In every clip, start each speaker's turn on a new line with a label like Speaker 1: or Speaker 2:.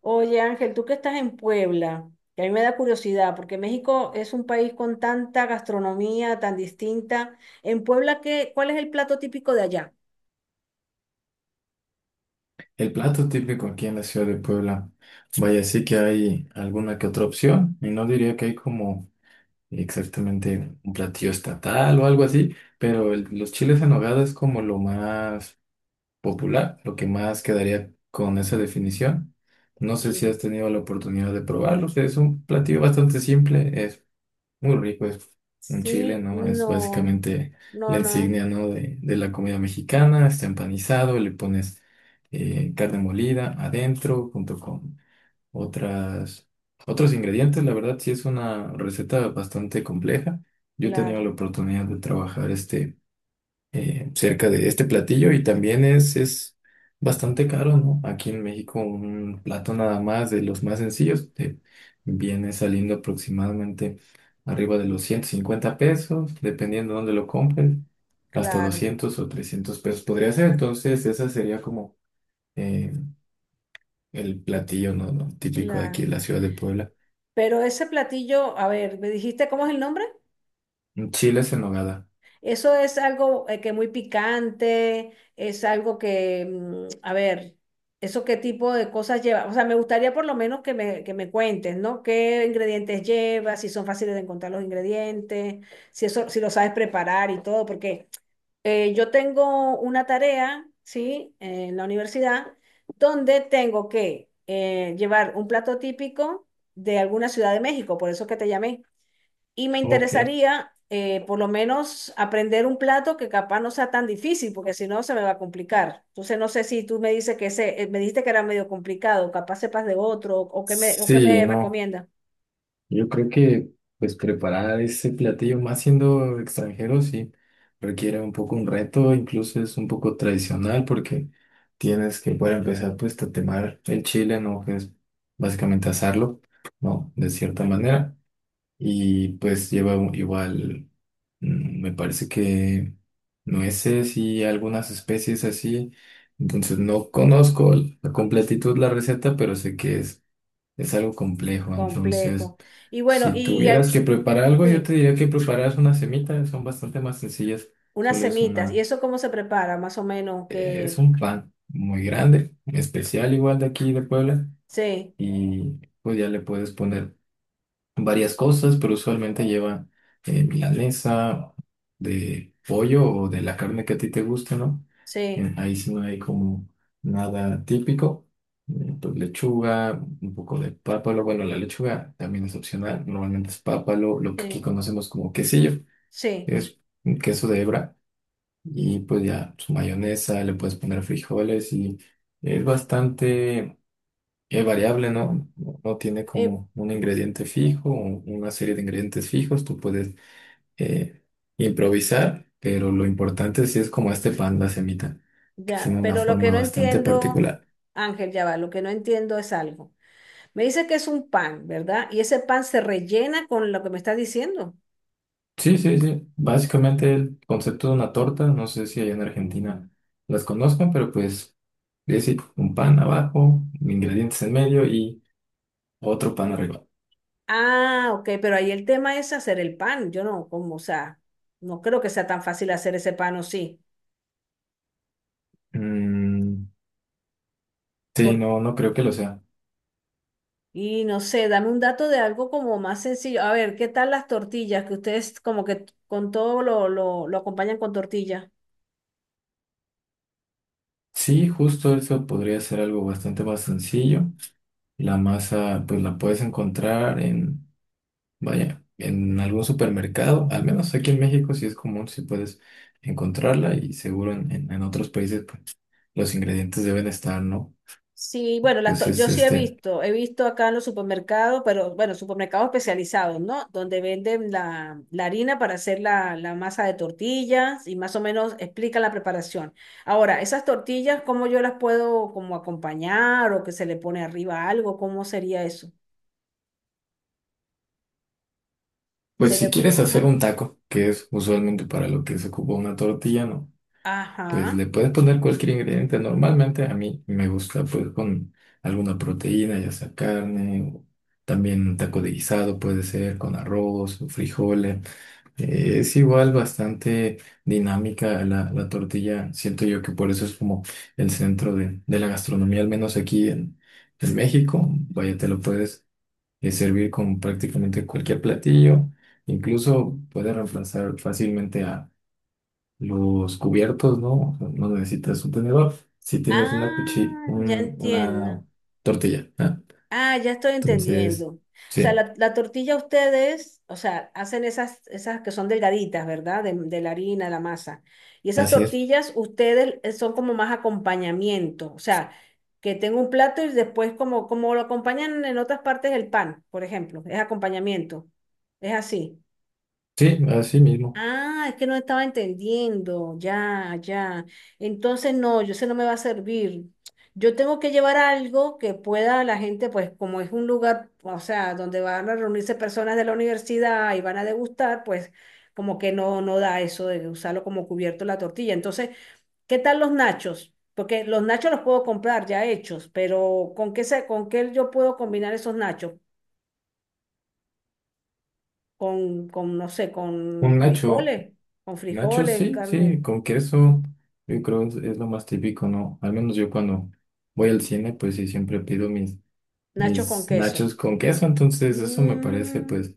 Speaker 1: Oye, Ángel, tú que estás en Puebla, que a mí me da curiosidad, porque México es un país con tanta gastronomía tan distinta. En Puebla, ¿cuál es el plato típico de allá?
Speaker 2: El plato típico aquí en la ciudad de Puebla, vaya, sí que hay alguna que otra opción, y no diría que hay como exactamente un platillo estatal o algo así, pero los chiles en nogada es como lo más popular, lo que más quedaría con esa definición. No sé si has
Speaker 1: Sí.
Speaker 2: tenido la oportunidad de probarlo, o sea, es un platillo bastante simple, muy rico, es un chile,
Speaker 1: Sí,
Speaker 2: ¿no? Es
Speaker 1: no,
Speaker 2: básicamente
Speaker 1: no,
Speaker 2: la
Speaker 1: no,
Speaker 2: insignia, ¿no? De la comida mexicana, está empanizado, le pones carne molida adentro junto con otras, otros ingredientes. La verdad, sí es una receta bastante compleja. Yo he tenido
Speaker 1: claro,
Speaker 2: la oportunidad de trabajar este cerca de este platillo y también es bastante caro, ¿no? Aquí en México un plato nada más de los más sencillos te viene saliendo aproximadamente arriba de los 150 pesos, dependiendo dónde lo compren, hasta
Speaker 1: claro,
Speaker 2: 200 o 300 pesos podría ser. Entonces, esa sería como eh, el platillo, ¿no? Típico de aquí de
Speaker 1: claro.
Speaker 2: la ciudad de Puebla.
Speaker 1: Pero ese platillo, a ver, ¿me dijiste cómo es el nombre?
Speaker 2: Chiles en nogada.
Speaker 1: Eso es algo que muy picante, es algo que, mm, a ver, ¿eso qué tipo de cosas lleva? O sea, me gustaría por lo menos que me cuentes, ¿no? ¿Qué ingredientes lleva? Si son fáciles de encontrar los ingredientes, si eso, si lo sabes preparar y todo, porque yo tengo una tarea, ¿sí? En la universidad, donde tengo que llevar un plato típico de alguna ciudad de México, por eso que te llamé y me
Speaker 2: Ok.
Speaker 1: interesaría por lo menos aprender un plato que capaz no sea tan difícil, porque si no se me va a complicar. Entonces no sé si tú me dices que ese, me dijiste que era medio complicado, capaz sepas de otro, o qué
Speaker 2: Sí,
Speaker 1: me
Speaker 2: no.
Speaker 1: recomienda.
Speaker 2: Yo creo que pues preparar ese platillo, más siendo extranjero, sí, requiere un poco un reto, incluso es un poco tradicional porque tienes que, para empezar, pues tatemar el chile, ¿no? Que es básicamente asarlo, ¿no? De cierta manera. Y pues lleva igual, mm, me parece que nueces y algunas especies así. Entonces no conozco a completitud la receta, pero sé que es algo complejo, entonces,
Speaker 1: Complejo. Y bueno,
Speaker 2: si tuvieras que preparar algo, yo
Speaker 1: sí,
Speaker 2: te diría que preparas una semita son bastante más sencillas,
Speaker 1: unas
Speaker 2: solo es
Speaker 1: semitas. ¿Y
Speaker 2: una,
Speaker 1: eso cómo se prepara? Más o menos
Speaker 2: es
Speaker 1: que
Speaker 2: un pan muy grande, especial igual de aquí de Puebla,
Speaker 1: sí,
Speaker 2: y pues ya le puedes poner varias cosas, pero usualmente lleva milanesa de pollo o de la carne que a ti te guste, ¿no?
Speaker 1: sí,
Speaker 2: Ahí sí no hay como nada típico. Pues lechuga, un poco de pápalo. Bueno, la lechuga también es opcional. Normalmente es pápalo, lo que aquí
Speaker 1: sí,
Speaker 2: conocemos como quesillo,
Speaker 1: sí.
Speaker 2: que es un queso de hebra. Y pues ya su mayonesa, le puedes poner frijoles y es bastante. Es variable, ¿no? No tiene
Speaker 1: Eh,
Speaker 2: como un ingrediente fijo, o una serie de ingredientes fijos. Tú puedes eh, improvisar, pero lo importante sí es como este pan, la semita, que
Speaker 1: ya,
Speaker 2: tiene una
Speaker 1: pero lo que
Speaker 2: forma
Speaker 1: no
Speaker 2: bastante
Speaker 1: entiendo,
Speaker 2: particular.
Speaker 1: Ángel, ya va, lo que no entiendo es algo. Me dice que es un pan, ¿verdad? Y ese pan se rellena con lo que me estás diciendo.
Speaker 2: Sí, sí, sí. Básicamente el concepto de una torta, no sé si allá en Argentina las conozcan, pero pues es decir, un pan abajo, ingredientes en medio y otro pan arriba.
Speaker 1: Ah, ok, pero ahí el tema es hacer el pan. Yo no, como, o sea, no creo que sea tan fácil hacer ese pan o sí.
Speaker 2: Mm,
Speaker 1: Por,
Speaker 2: sí, no, no creo que lo sea.
Speaker 1: y no sé, dame un dato de algo como más sencillo. A ver, ¿qué tal las tortillas? Que ustedes como que con todo lo acompañan con tortilla.
Speaker 2: Sí, justo eso podría ser algo bastante más sencillo. La masa, pues la puedes encontrar en, vaya, en algún supermercado, al menos aquí en México sí es común, si puedes encontrarla y seguro en, en otros países, pues los ingredientes deben estar, ¿no?
Speaker 1: Sí, bueno,
Speaker 2: Pues
Speaker 1: yo
Speaker 2: es
Speaker 1: sí
Speaker 2: este,
Speaker 1: he visto acá en los supermercados, pero bueno, supermercados especializados, ¿no? Donde venden la harina para hacer la masa de tortillas y más o menos explican la preparación. Ahora, esas tortillas, ¿cómo yo las puedo como acompañar o que se le pone arriba algo? ¿Cómo sería eso? Se
Speaker 2: pues si
Speaker 1: le...
Speaker 2: quieres hacer
Speaker 1: Ajá.
Speaker 2: un taco, que es usualmente para lo que se ocupa una tortilla, ¿no? Pues
Speaker 1: Ajá.
Speaker 2: le puedes poner cualquier ingrediente. Normalmente a mí me gusta pues con alguna proteína, ya sea carne, o también un taco de guisado puede ser con arroz, frijoles. Es igual bastante dinámica la tortilla. Siento yo que por eso es como el centro de la gastronomía, al menos aquí en México. Vaya, te lo puedes servir con prácticamente cualquier platillo. Incluso puede reemplazar fácilmente a los cubiertos, ¿no? O sea, no necesitas un tenedor si tienes una cuchilla,
Speaker 1: Ah, ya entiendo.
Speaker 2: una tortilla, ¿ah?
Speaker 1: Ah, ya estoy entendiendo.
Speaker 2: Entonces,
Speaker 1: O sea,
Speaker 2: sí,
Speaker 1: la tortilla ustedes, o sea, hacen esas, esas que son delgaditas, ¿verdad? De la harina, la masa. Y esas
Speaker 2: así es.
Speaker 1: tortillas ustedes son como más acompañamiento. O sea, que tengo un plato y después como, como lo acompañan en otras partes del pan, por ejemplo. Es acompañamiento. Es así.
Speaker 2: Sí, así mismo.
Speaker 1: Ah, es que no estaba entendiendo. Ya, ya. Entonces, no, yo sé no me va a servir. Yo tengo que llevar algo que pueda la gente, pues como es un lugar, o sea, donde van a reunirse personas de la universidad y van a degustar, pues como que no, no da eso de usarlo como cubierto la tortilla. Entonces, ¿qué tal los nachos? Porque los nachos los puedo comprar ya hechos, pero ¿con qué yo puedo combinar esos nachos? Con no sé,
Speaker 2: Un nacho.
Speaker 1: con
Speaker 2: Nachos,
Speaker 1: frijoles,
Speaker 2: sí,
Speaker 1: carne.
Speaker 2: sí, con queso, yo creo es lo más típico, ¿no? Al menos yo cuando voy al cine, pues sí, siempre pido
Speaker 1: Nachos con
Speaker 2: mis
Speaker 1: queso.
Speaker 2: nachos con queso, entonces eso me parece
Speaker 1: Mm,
Speaker 2: pues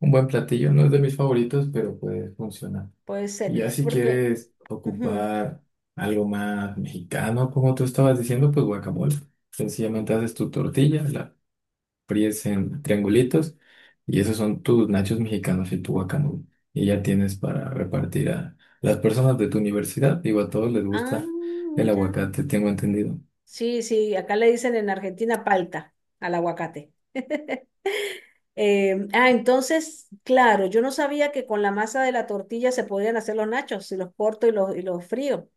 Speaker 2: un buen platillo, no es de mis favoritos, pero puede funcionar.
Speaker 1: puede ser,
Speaker 2: Y ya si
Speaker 1: porque...
Speaker 2: quieres
Speaker 1: ujú.
Speaker 2: ocupar algo más mexicano, como tú estabas diciendo, pues guacamole. Sencillamente haces tu tortilla, la fríes en triangulitos y esos son tus nachos mexicanos y tu guacamole. Y ya tienes para repartir a las personas de tu universidad. Digo, a todos les
Speaker 1: Ah,
Speaker 2: gusta el
Speaker 1: mira.
Speaker 2: aguacate, tengo entendido.
Speaker 1: Sí, sí, acá le dicen en Argentina palta al aguacate. Entonces, claro, yo no sabía que con la masa de la tortilla se podían hacer los nachos, si los corto y y los frío,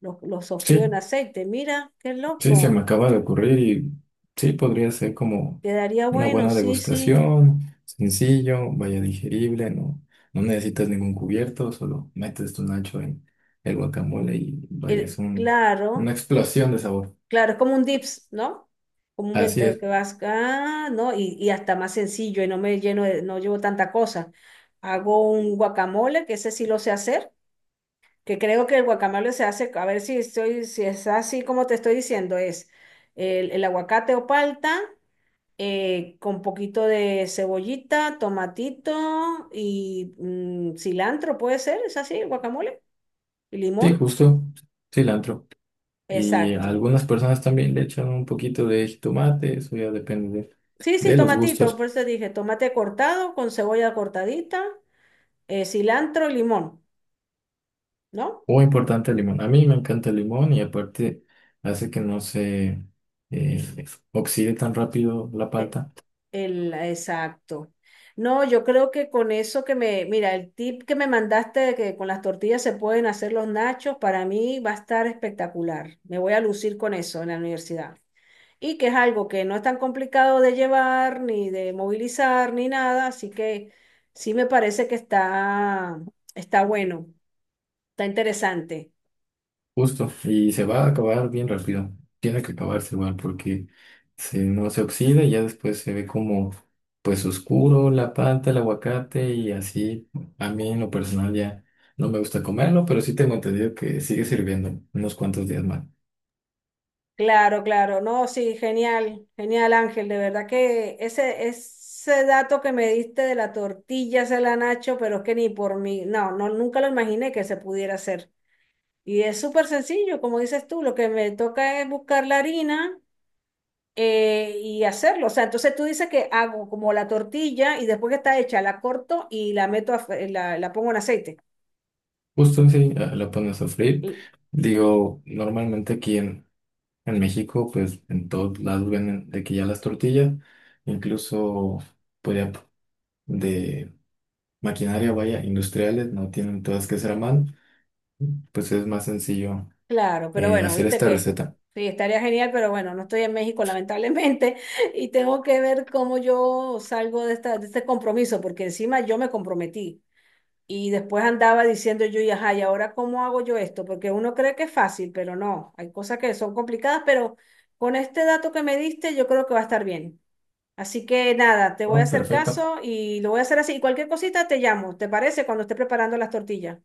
Speaker 1: los sofrío
Speaker 2: Sí,
Speaker 1: en aceite. Mira, qué
Speaker 2: sí, se me
Speaker 1: loco.
Speaker 2: acaba de ocurrir y sí, podría ser como
Speaker 1: Quedaría
Speaker 2: una
Speaker 1: bueno,
Speaker 2: buena
Speaker 1: sí, sí.
Speaker 2: degustación, sencillo, vaya digerible, no, no necesitas ningún cubierto, solo metes tu nacho en el guacamole y vaya, es un,
Speaker 1: Claro.
Speaker 2: una explosión de sabor.
Speaker 1: Claro, es como un dips, ¿no?
Speaker 2: Así
Speaker 1: Comúnmente
Speaker 2: es,
Speaker 1: que vas acá, ¿no? Y hasta más sencillo y no me lleno de, no llevo tanta cosa. Hago un guacamole, que ese sí lo sé hacer, que creo que el guacamole se hace, a ver si estoy, si es así como te estoy diciendo, es el aguacate o palta, con poquito de cebollita, tomatito y mm, cilantro, puede ser, es así, el guacamole y
Speaker 2: sí,
Speaker 1: limón.
Speaker 2: justo, cilantro. Y a
Speaker 1: Exacto.
Speaker 2: algunas personas también le echan un poquito de jitomate, eso ya depende
Speaker 1: Sí, sí,
Speaker 2: de los
Speaker 1: tomatito,
Speaker 2: gustos.
Speaker 1: por eso dije, tomate cortado con cebolla cortadita, cilantro, limón, ¿no?
Speaker 2: Muy importante el limón. A mí me encanta el limón y aparte hace que no se eh, oxide tan rápido la
Speaker 1: Eh,
Speaker 2: palta.
Speaker 1: exacto. No, yo creo que con eso que me, mira, el tip que me mandaste de que con las tortillas se pueden hacer los nachos, para mí va a estar espectacular. Me voy a lucir con eso en la universidad. Y que es algo que no es tan complicado de llevar, ni de movilizar, ni nada, así que sí me parece que está, está bueno, está interesante.
Speaker 2: Justo. Y se va a acabar bien rápido. Tiene que acabarse igual porque se, no se oxida y ya después se ve como pues oscuro la palta, el aguacate y así. A mí en lo personal ya no me gusta comerlo, pero sí tengo entendido que sigue sirviendo unos cuantos días más.
Speaker 1: Claro, claro, no, sí, genial, genial Ángel, de verdad que ese dato que me diste de la tortilla se la Nacho, pero es que ni por mí, no, no, nunca lo imaginé que se pudiera hacer. Y es súper sencillo, como dices tú, lo que me toca es buscar la harina y hacerlo. O sea, entonces tú dices que hago como la tortilla y después que está hecha la corto y la meto, a, la pongo en aceite.
Speaker 2: Justo sí, ah, lo pones a sofreír. Digo, normalmente aquí en México, pues en todos lados venden de que ya las tortillas, incluso pues ya de maquinaria, vaya, industriales, no tienen todas que ser a mano, pues es más sencillo
Speaker 1: Claro, pero bueno,
Speaker 2: hacer
Speaker 1: viste
Speaker 2: esta
Speaker 1: que
Speaker 2: receta.
Speaker 1: sí, estaría genial, pero bueno, no estoy en México lamentablemente y tengo que ver cómo yo salgo de esta, de este compromiso, porque encima yo me comprometí y después andaba diciendo yo, y ajá, ¿y ahora cómo hago yo esto? Porque uno cree que es fácil, pero no, hay cosas que son complicadas, pero con este dato que me diste yo creo que va a estar bien. Así que nada, te voy a
Speaker 2: Oh,
Speaker 1: hacer
Speaker 2: perfecto.
Speaker 1: caso y lo voy a hacer así. Y cualquier cosita te llamo, ¿te parece? Cuando esté preparando las tortillas,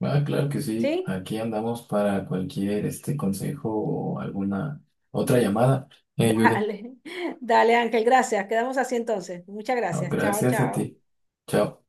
Speaker 2: Ah, claro que sí.
Speaker 1: ¿sí?
Speaker 2: Aquí andamos para cualquier este consejo o alguna otra llamada. Judy.
Speaker 1: Dale, dale Ángel, gracias. Quedamos así entonces. Muchas
Speaker 2: No,
Speaker 1: gracias. Chao,
Speaker 2: gracias a
Speaker 1: chao.
Speaker 2: ti. Chao.